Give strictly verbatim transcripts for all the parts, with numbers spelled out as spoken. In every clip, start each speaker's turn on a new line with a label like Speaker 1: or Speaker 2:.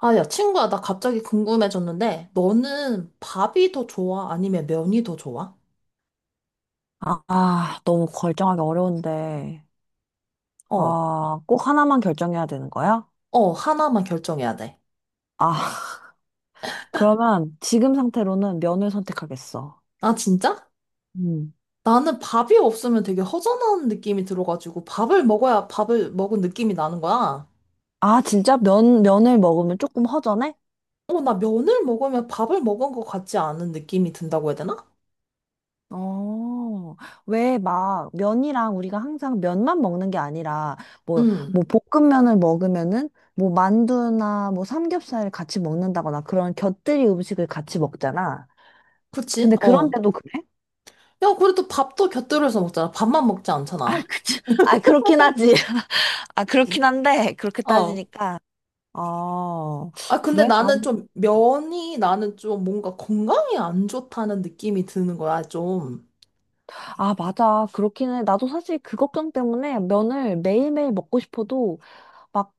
Speaker 1: 아, 야, 친구야, 나 갑자기 궁금해졌는데, 너는 밥이 더 좋아? 아니면 면이 더 좋아?
Speaker 2: 아, 아, 너무 결정하기 어려운데.
Speaker 1: 어,
Speaker 2: 아, 꼭 하나만 결정해야 되는 거야?
Speaker 1: 어, 하나만 결정해야 돼.
Speaker 2: 아, 그러면 지금 상태로는 면을 선택하겠어.
Speaker 1: 아, 진짜?
Speaker 2: 음.
Speaker 1: 나는 밥이 없으면 되게 허전한 느낌이 들어가지고, 밥을 먹어야 밥을 먹은 느낌이 나는 거야.
Speaker 2: 아, 진짜 면, 면을 먹으면 조금 허전해?
Speaker 1: 어, 나 면을 먹으면 밥을 먹은 것 같지 않은 느낌이 든다고 해야 되나?
Speaker 2: 어, 왜 막 면이랑 우리가 항상 면만 먹는 게 아니라 뭐,
Speaker 1: 음,
Speaker 2: 뭐 볶음면을 먹으면은 뭐 만두나 뭐 삼겹살을 같이 먹는다거나 그런 곁들이 음식을 같이 먹잖아.
Speaker 1: 그치?
Speaker 2: 근데
Speaker 1: 어.
Speaker 2: 그런데도 그래?
Speaker 1: 야, 그래도 밥도 곁들여서 먹잖아. 밥만 먹지
Speaker 2: 아,
Speaker 1: 않잖아.
Speaker 2: 그치. 아, 그렇긴 하지. 아, 그렇긴 한데, 그렇게
Speaker 1: 어.
Speaker 2: 따지니까. 아,
Speaker 1: 아, 근데
Speaker 2: 그래? 난,
Speaker 1: 나는 좀 면이 나는 좀 뭔가 건강에 안 좋다는 느낌이 드는 거야, 좀.
Speaker 2: 아, 맞아. 그렇긴 해. 나도 사실 그 걱정 때문에 면을 매일매일 먹고 싶어도, 막,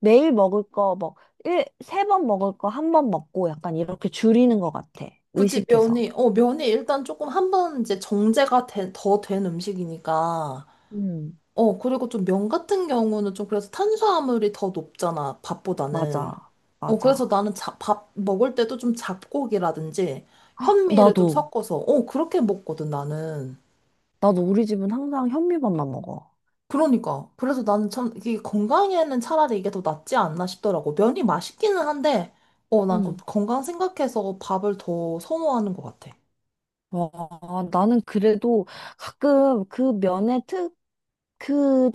Speaker 2: 매일 먹을 거, 뭐, 일, 세 번 먹을 거, 한 번 먹고, 약간 이렇게 줄이는 것 같아.
Speaker 1: 그치,
Speaker 2: 의식해서.
Speaker 1: 면이, 어, 면이 일단 조금 한번 이제 정제가 된, 더 된 음식이니까.
Speaker 2: 음,
Speaker 1: 어, 그리고 좀 면 같은 경우는 좀 그래서 탄수화물이 더 높잖아, 밥보다는.
Speaker 2: 맞아.
Speaker 1: 어, 그래서
Speaker 2: 맞아.
Speaker 1: 나는 자, 밥 먹을 때도 좀 잡곡이라든지 현미를 좀
Speaker 2: 나도,
Speaker 1: 섞어서, 어, 그렇게 먹거든, 나는.
Speaker 2: 나도 우리 집은 항상 현미밥만 먹어.
Speaker 1: 그러니까. 그래서 나는 참, 이게 건강에는 차라리 이게 더 낫지 않나 싶더라고. 면이 맛있기는 한데, 어, 난그 건강 생각해서 밥을 더 선호하는 것 같아.
Speaker 2: 와, 나는 그래도 가끔 그 면의 특, 그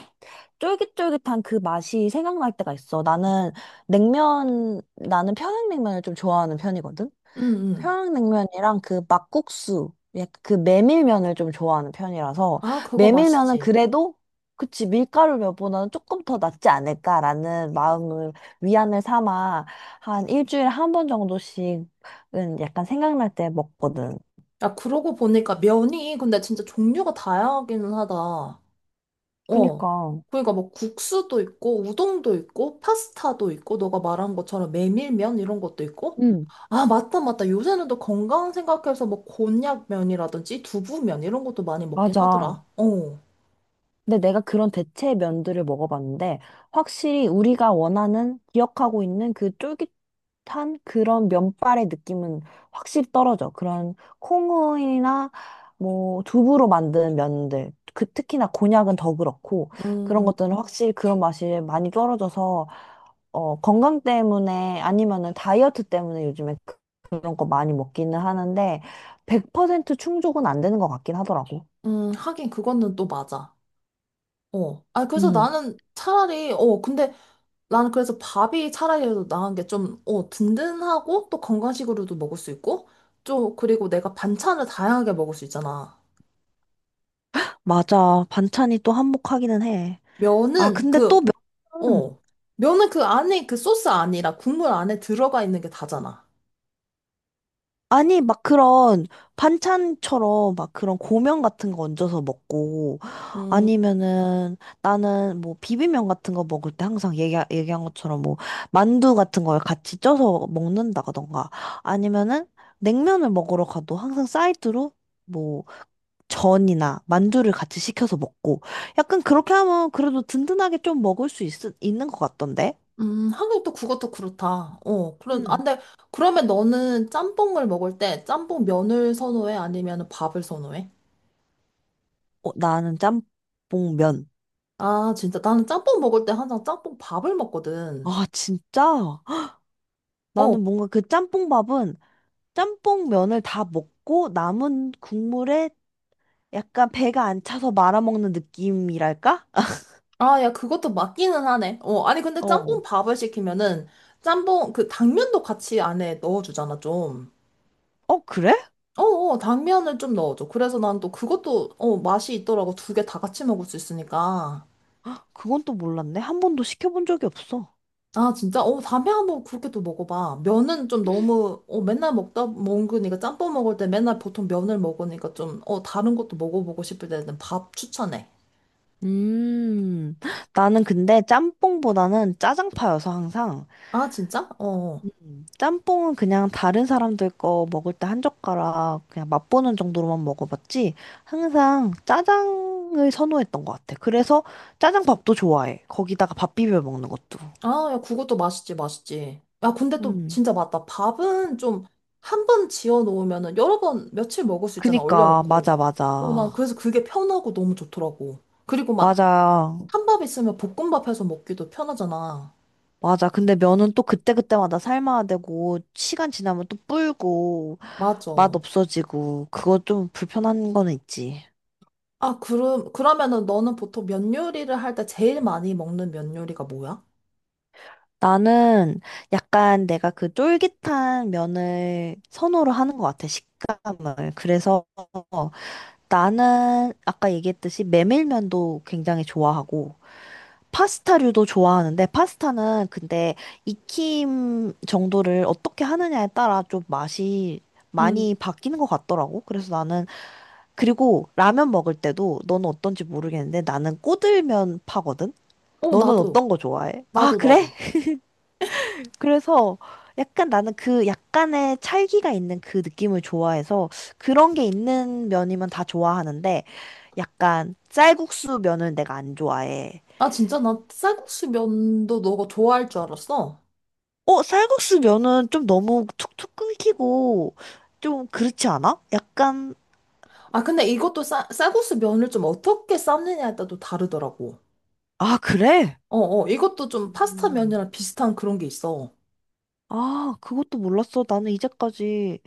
Speaker 2: 쫄깃쫄깃한 그 맛이 생각날 때가 있어. 나는 냉면, 나는 평양냉면을 좀 좋아하는 편이거든?
Speaker 1: 응, 응.
Speaker 2: 평양냉면이랑 그 막국수, 약간 그 메밀면을 좀 좋아하는 편이라서,
Speaker 1: 아, 그거
Speaker 2: 메밀면은
Speaker 1: 맛있지.
Speaker 2: 그래도, 그치, 밀가루 면보다는 조금 더 낫지 않을까라는 마음을 위안을 삼아 한 일주일에 한 번 정도씩은 약간 생각날 때 먹거든.
Speaker 1: 야, 그러고 보니까 면이 근데 진짜 종류가 다양하기는 하다. 어.
Speaker 2: 그니까.
Speaker 1: 그러니까 뭐 국수도 있고, 우동도 있고, 파스타도 있고, 너가 말한 것처럼 메밀면 이런 것도 있고.
Speaker 2: 응,
Speaker 1: 아, 맞다, 맞다. 요새는 또 건강 생각해서 뭐 곤약면이라든지 두부면 이런 것도 많이 먹긴
Speaker 2: 맞아.
Speaker 1: 하더라. 어.
Speaker 2: 근데 내가 그런 대체 면들을 먹어봤는데, 확실히 우리가 원하는, 기억하고 있는 그 쫄깃한 그런 면발의 느낌은 확실히 떨어져. 그런 콩이나 뭐 두부로 만든 면들, 그 특히나 곤약은 더 그렇고, 그런
Speaker 1: 음,
Speaker 2: 것들은 확실히 그런 맛이 많이 떨어져서, 어, 건강 때문에 아니면은 다이어트 때문에 요즘에 그- 그런 거 많이 먹기는 하는데, 백 퍼센트 충족은 안 되는 것 같긴 하더라고.
Speaker 1: 음, 하긴 그거는 또 맞아. 어. 아, 그래서 나는 차라리, 어, 근데 나는 그래서 밥이 차라리 도 나은 게 좀, 어, 든든하고 또 건강식으로도 먹을 수 있고, 좀, 그리고 내가 반찬을 다양하게 먹을 수 있잖아.
Speaker 2: 맞아. 반찬이 또 한몫하기는 해. 아,
Speaker 1: 면은
Speaker 2: 근데
Speaker 1: 그,
Speaker 2: 또 몇 번은
Speaker 1: 어, 면은 그 안에 그 소스 아니라 국물 안에 들어가 있는 게 다잖아.
Speaker 2: 아니, 막 그런 반찬처럼 막 그런 고명 같은 거 얹어서 먹고
Speaker 1: 음,
Speaker 2: 아니면은 나는 뭐 비빔면 같은 거 먹을 때 항상 얘기, 얘기한 것처럼 뭐 만두 같은 걸 같이 쪄서 먹는다던가 아니면은 냉면을 먹으러 가도 항상 사이드로 뭐 전이나 만두를 같이 시켜서 먹고 약간 그렇게 하면 그래도 든든하게 좀 먹을 수 있, 있는 것 같던데?
Speaker 1: 음, 하긴 또 그것도 그렇다. 어, 그런, 아,
Speaker 2: 음.
Speaker 1: 근데 그러면 너는 짬뽕을 먹을 때 짬뽕 면을 선호해? 아니면 밥을 선호해?
Speaker 2: 어, 나는 짬뽕면.
Speaker 1: 아, 진짜. 나는 짬뽕 먹을 때 항상 짬뽕 밥을 먹거든.
Speaker 2: 아, 진짜? 헉,
Speaker 1: 어.
Speaker 2: 나는 뭔가 그 짬뽕밥은 짬뽕면을 다 먹고 남은 국물에 약간 배가 안 차서 말아먹는 느낌이랄까?
Speaker 1: 아, 야, 그것도 맞기는 하네. 어, 아니, 근데
Speaker 2: 어.
Speaker 1: 짬뽕 밥을 시키면은 짬뽕, 그 당면도 같이 안에 넣어주잖아, 좀.
Speaker 2: 어, 그래?
Speaker 1: 어, 어, 당면을 좀 넣어줘. 그래서 난 또 그것도, 어, 맛이 있더라고. 두 개 다 같이 먹을 수 있으니까.
Speaker 2: 헉, 그건 또 몰랐네. 한 번도 시켜본 적이 없어.
Speaker 1: 아, 진짜? 어, 다음에 한번 그렇게 또 먹어봐. 면은 좀 너무, 어, 맨날 먹다, 먹으니까 짬뽕 먹을 때 맨날 보통 면을 먹으니까 좀, 어, 다른 것도 먹어보고 싶을 때는 밥 추천해.
Speaker 2: 음, 나는 근데 짬뽕보다는 짜장파여서 항상.
Speaker 1: 아, 진짜? 어. 어.
Speaker 2: 음, 짬뽕은 그냥 다른 사람들 거 먹을 때 한 젓가락 그냥 맛보는 정도로만 먹어봤지 항상 짜장을 선호했던 것 같아. 그래서 짜장밥도 좋아해. 거기다가 밥 비벼 먹는 것도.
Speaker 1: 아, 야, 그것도 맛있지, 맛있지. 야, 근데 또
Speaker 2: 음.
Speaker 1: 진짜 맞다. 밥은 좀 한번 지어 놓으면은 여러 번, 며칠 먹을 수 있잖아,
Speaker 2: 그니까
Speaker 1: 얼려놓고.
Speaker 2: 맞아
Speaker 1: 어, 난
Speaker 2: 맞아
Speaker 1: 그래서 그게 편하고 너무 좋더라고. 그리고 막
Speaker 2: 맞아
Speaker 1: 한 밥 있으면 볶음밥 해서 먹기도 편하잖아.
Speaker 2: 맞아. 근데 면은 또 그때그때마다 삶아야 되고 시간 지나면 또 불고
Speaker 1: 맞아.
Speaker 2: 맛 없어지고 그거 좀 불편한 거는 있지.
Speaker 1: 아, 그럼, 그러면은 너는 보통 면 요리를 할 때 제일 많이 먹는 면 요리가 뭐야?
Speaker 2: 나는 약간 내가 그 쫄깃한 면을 선호로 하는 것 같아, 식감을. 그래서 나는 아까 얘기했듯이 메밀면도 굉장히 좋아하고, 파스타류도 좋아하는데, 파스타는 근데 익힘 정도를 어떻게 하느냐에 따라 좀 맛이
Speaker 1: 음.
Speaker 2: 많이 바뀌는 것 같더라고. 그래서 나는, 그리고 라면 먹을 때도 너는 어떤지 모르겠는데, 나는 꼬들면 파거든?
Speaker 1: 어,
Speaker 2: 너는
Speaker 1: 나도.
Speaker 2: 어떤 거 좋아해? 아,
Speaker 1: 나도,
Speaker 2: 그래?
Speaker 1: 나도.
Speaker 2: 그래서 약간 나는 그 약간의 찰기가 있는 그 느낌을 좋아해서 그런 게 있는 면이면 다 좋아하는데 약간 쌀국수 면은 내가 안 좋아해.
Speaker 1: 아, 진짜? 나 쌀국수 면도 너가 좋아할 줄 알았어.
Speaker 2: 어, 쌀국수 면은 좀 너무 툭툭 끊기고 좀 그렇지 않아? 약간,
Speaker 1: 아, 근데 이것도 싸, 쌀국수 면을 좀 어떻게 삶느냐에 따라 또 다르더라고.
Speaker 2: 아, 그래?
Speaker 1: 어, 어, 이것도 좀 파스타
Speaker 2: 음.
Speaker 1: 면이랑 비슷한 그런 게 있어.
Speaker 2: 아, 그것도 몰랐어. 나는 이제까지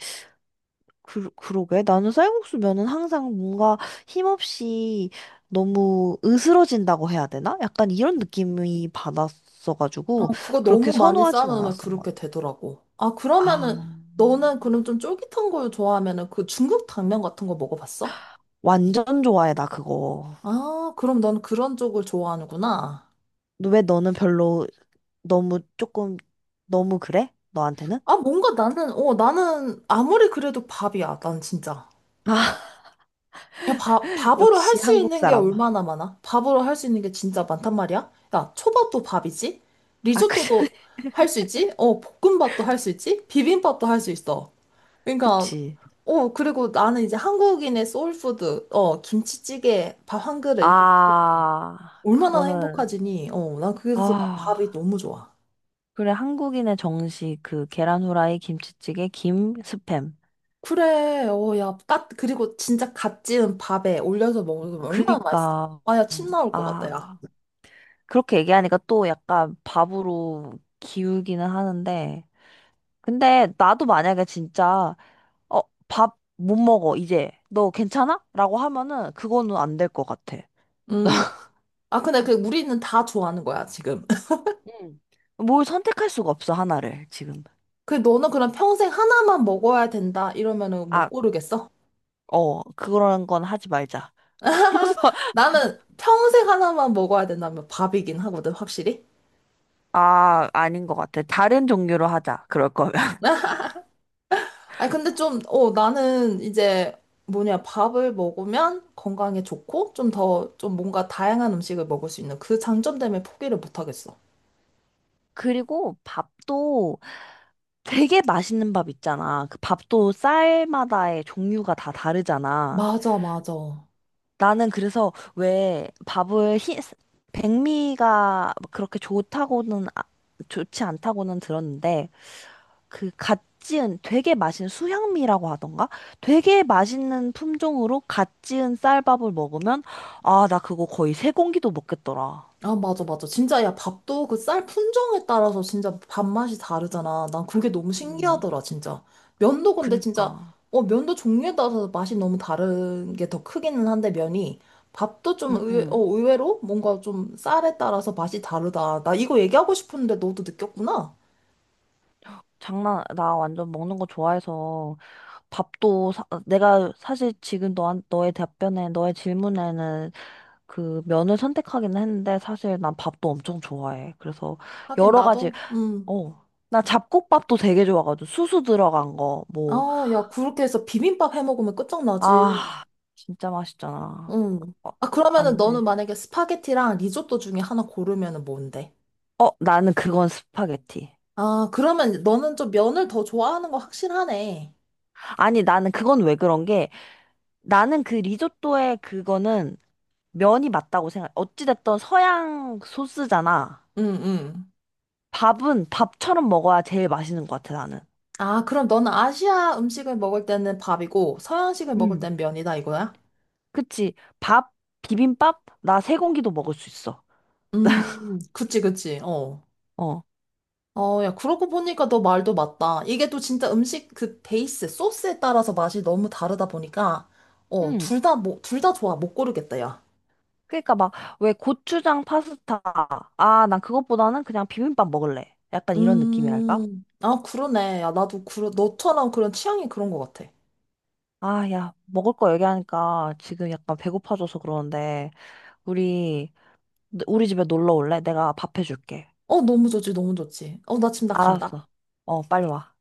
Speaker 2: 그, 그러게. 나는 쌀국수 면은 항상 뭔가 힘없이 너무 으스러진다고 해야 되나? 약간 이런 느낌이
Speaker 1: 어,
Speaker 2: 받았어가지고
Speaker 1: 그거
Speaker 2: 그렇게
Speaker 1: 너무 많이
Speaker 2: 선호하진
Speaker 1: 삶으면
Speaker 2: 않았던 것
Speaker 1: 그렇게
Speaker 2: 같아.
Speaker 1: 되더라고. 아,
Speaker 2: 아,
Speaker 1: 그러면은, 너는 그럼 좀 쫄깃한 걸 좋아하면은 그 중국 당면 같은 거 먹어봤어?
Speaker 2: 완전 좋아해, 나 그거.
Speaker 1: 아, 그럼 넌 그런 쪽을 좋아하는구나.
Speaker 2: 너- 왜 너는 별로 너무 조금 너무 그래? 너한테는?
Speaker 1: 아, 뭔가 나는, 어, 나는 아무리 그래도 밥이야, 난 진짜.
Speaker 2: 아,
Speaker 1: 야, 밥, 밥으로 할
Speaker 2: 역시
Speaker 1: 수
Speaker 2: 한국
Speaker 1: 있는 게
Speaker 2: 사람.
Speaker 1: 얼마나 많아? 밥으로 할 수 있는 게 진짜 많단 말이야? 야, 초밥도 밥이지?
Speaker 2: 아, 그,
Speaker 1: 리조또도 할 수 있지? 어, 볶음밥도 할 수 있지? 비빔밥도 할 수 있어. 그러니까,
Speaker 2: 그치.
Speaker 1: 어, 그리고 나는 이제 한국인의 소울푸드, 어, 김치찌개, 밥 한 그릇, 이렇게
Speaker 2: 아,
Speaker 1: 얼마나
Speaker 2: 그거는,
Speaker 1: 행복하지니? 어, 난 그래서 난 밥이
Speaker 2: 아.
Speaker 1: 너무 좋아.
Speaker 2: 그래, 한국인의 정식, 그, 계란 후라이, 김치찌개, 김, 스팸.
Speaker 1: 그래, 어, 야, 까, 그리고 진짜 갓 지은 밥에 올려서 먹으면 얼마나 맛있어.
Speaker 2: 그니까,
Speaker 1: 아, 야,
Speaker 2: 음,
Speaker 1: 침 나올 것 같다, 야.
Speaker 2: 아, 그렇게 얘기하니까 또 약간 밥으로 기우기는 하는데. 근데 나도 만약에 진짜, 어, 밥 못 먹어, 이제. 너 괜찮아? 라고 하면은 그거는 안 될 것 같아.
Speaker 1: 음. 아, 근데 그 우리는 다 좋아하는 거야, 지금.
Speaker 2: 응. 뭘 선택할 수가 없어, 하나를, 지금.
Speaker 1: 그 너는 그럼 평생 하나만 먹어야 된다 이러면은 못
Speaker 2: 아,
Speaker 1: 고르겠어?
Speaker 2: 어, 그런 건 하지 말자.
Speaker 1: 나는 평생 하나만 먹어야 된다면 밥이긴 하거든, 확실히.
Speaker 2: 아, 아닌 것 같아. 다른 종류로 하자, 그럴 거면.
Speaker 1: 아니, 근데 좀, 어, 나는 이제 뭐냐, 밥을 먹으면 건강에 좋고 좀 더, 좀 뭔가 다양한 음식을 먹을 수 있는 그 장점 때문에 포기를 못 하겠어.
Speaker 2: 그리고 밥도 되게 맛있는 밥 있잖아. 그 밥도 쌀마다의 종류가 다 다르잖아.
Speaker 1: 맞아, 맞아.
Speaker 2: 나는 그래서 왜 밥을 희, 백미가 그렇게 좋다고는 아- 좋지 않다고는 들었는데 그갓 지은 되게 맛있는 수향미라고 하던가? 되게 맛있는 품종으로 갓 지은 쌀밥을 먹으면 아, 나 그거 거의 세 공기도 먹겠더라.
Speaker 1: 아, 맞아, 맞아. 진짜, 야, 밥도 그 쌀 품종에 따라서 진짜 밥맛이 다르잖아. 난 그게 너무
Speaker 2: 음,
Speaker 1: 신기하더라, 진짜. 면도 근데 진짜,
Speaker 2: 그니까.
Speaker 1: 어, 면도 종류에 따라서 맛이 너무 다른 게 더 크기는 한데, 면이. 밥도 좀 의외, 어,
Speaker 2: 음.
Speaker 1: 의외로 뭔가 좀 쌀에 따라서 맛이 다르다. 나 이거 얘기하고 싶었는데 너도 느꼈구나?
Speaker 2: 장난, 나 완전 먹는 거 좋아해서 밥도 사, 내가 사실 지금 너한, 너의 답변에, 너의 질문에는 그 면을 선택하긴 했는데 사실 난 밥도 엄청 좋아해. 그래서
Speaker 1: 하긴
Speaker 2: 여러 가지,
Speaker 1: 나도, 음.
Speaker 2: 어, 나 잡곡밥도 되게 좋아가지고 수수 들어간 거, 뭐,
Speaker 1: 아, 야, 그렇게 해서 비빔밥 해 먹으면 끝장나지.
Speaker 2: 아, 진짜 맛있잖아.
Speaker 1: 응
Speaker 2: 어,
Speaker 1: 아, 그러면은
Speaker 2: 안
Speaker 1: 너는
Speaker 2: 돼.
Speaker 1: 만약에 스파게티랑 리조또 중에 하나 고르면은 뭔데?
Speaker 2: 어, 나는 그건 스파게티.
Speaker 1: 아, 그러면 너는 좀 면을 더 좋아하는 거 확실하네.
Speaker 2: 아니, 나는 그건 왜 그런 게 나는 그 리조또에 그거는 면이 맞다고 생각. 어찌됐든 서양 소스잖아.
Speaker 1: 응, 응.
Speaker 2: 밥은 밥처럼 먹어야 제일 맛있는 것 같아, 나는.
Speaker 1: 아, 그럼 너는 아시아 음식을 먹을 때는 밥이고 서양식을 먹을
Speaker 2: 음.
Speaker 1: 땐 면이다 이거야?
Speaker 2: 그치? 밥, 비빔밥, 나 세 공기도 먹을 수 있어.
Speaker 1: 음, 그치, 그치. 어.
Speaker 2: 어.
Speaker 1: 어, 야, 그러고 보니까 너 말도 맞다. 이게 또 진짜 음식 그 베이스, 소스에 따라서 맛이 너무 다르다 보니까, 어,
Speaker 2: 응.
Speaker 1: 둘 다, 뭐, 둘 다 좋아. 못 고르겠다, 야.
Speaker 2: 그러니까 막, 왜 고추장 파스타. 아, 난 그것보다는 그냥 비빔밥 먹을래. 약간 이런 느낌이랄까?
Speaker 1: 음, 아, 그러네. 야, 나도, 그러, 너처럼 그런 취향이 그런 것 같아.
Speaker 2: 아, 야, 먹을 거 얘기하니까 지금 약간 배고파져서 그러는데, 우리, 우리 집에 놀러 올래? 내가 밥 해줄게.
Speaker 1: 어, 너무 좋지, 너무 좋지. 어, 나 지금 나 간다.
Speaker 2: 알았어. 어, 빨리 와.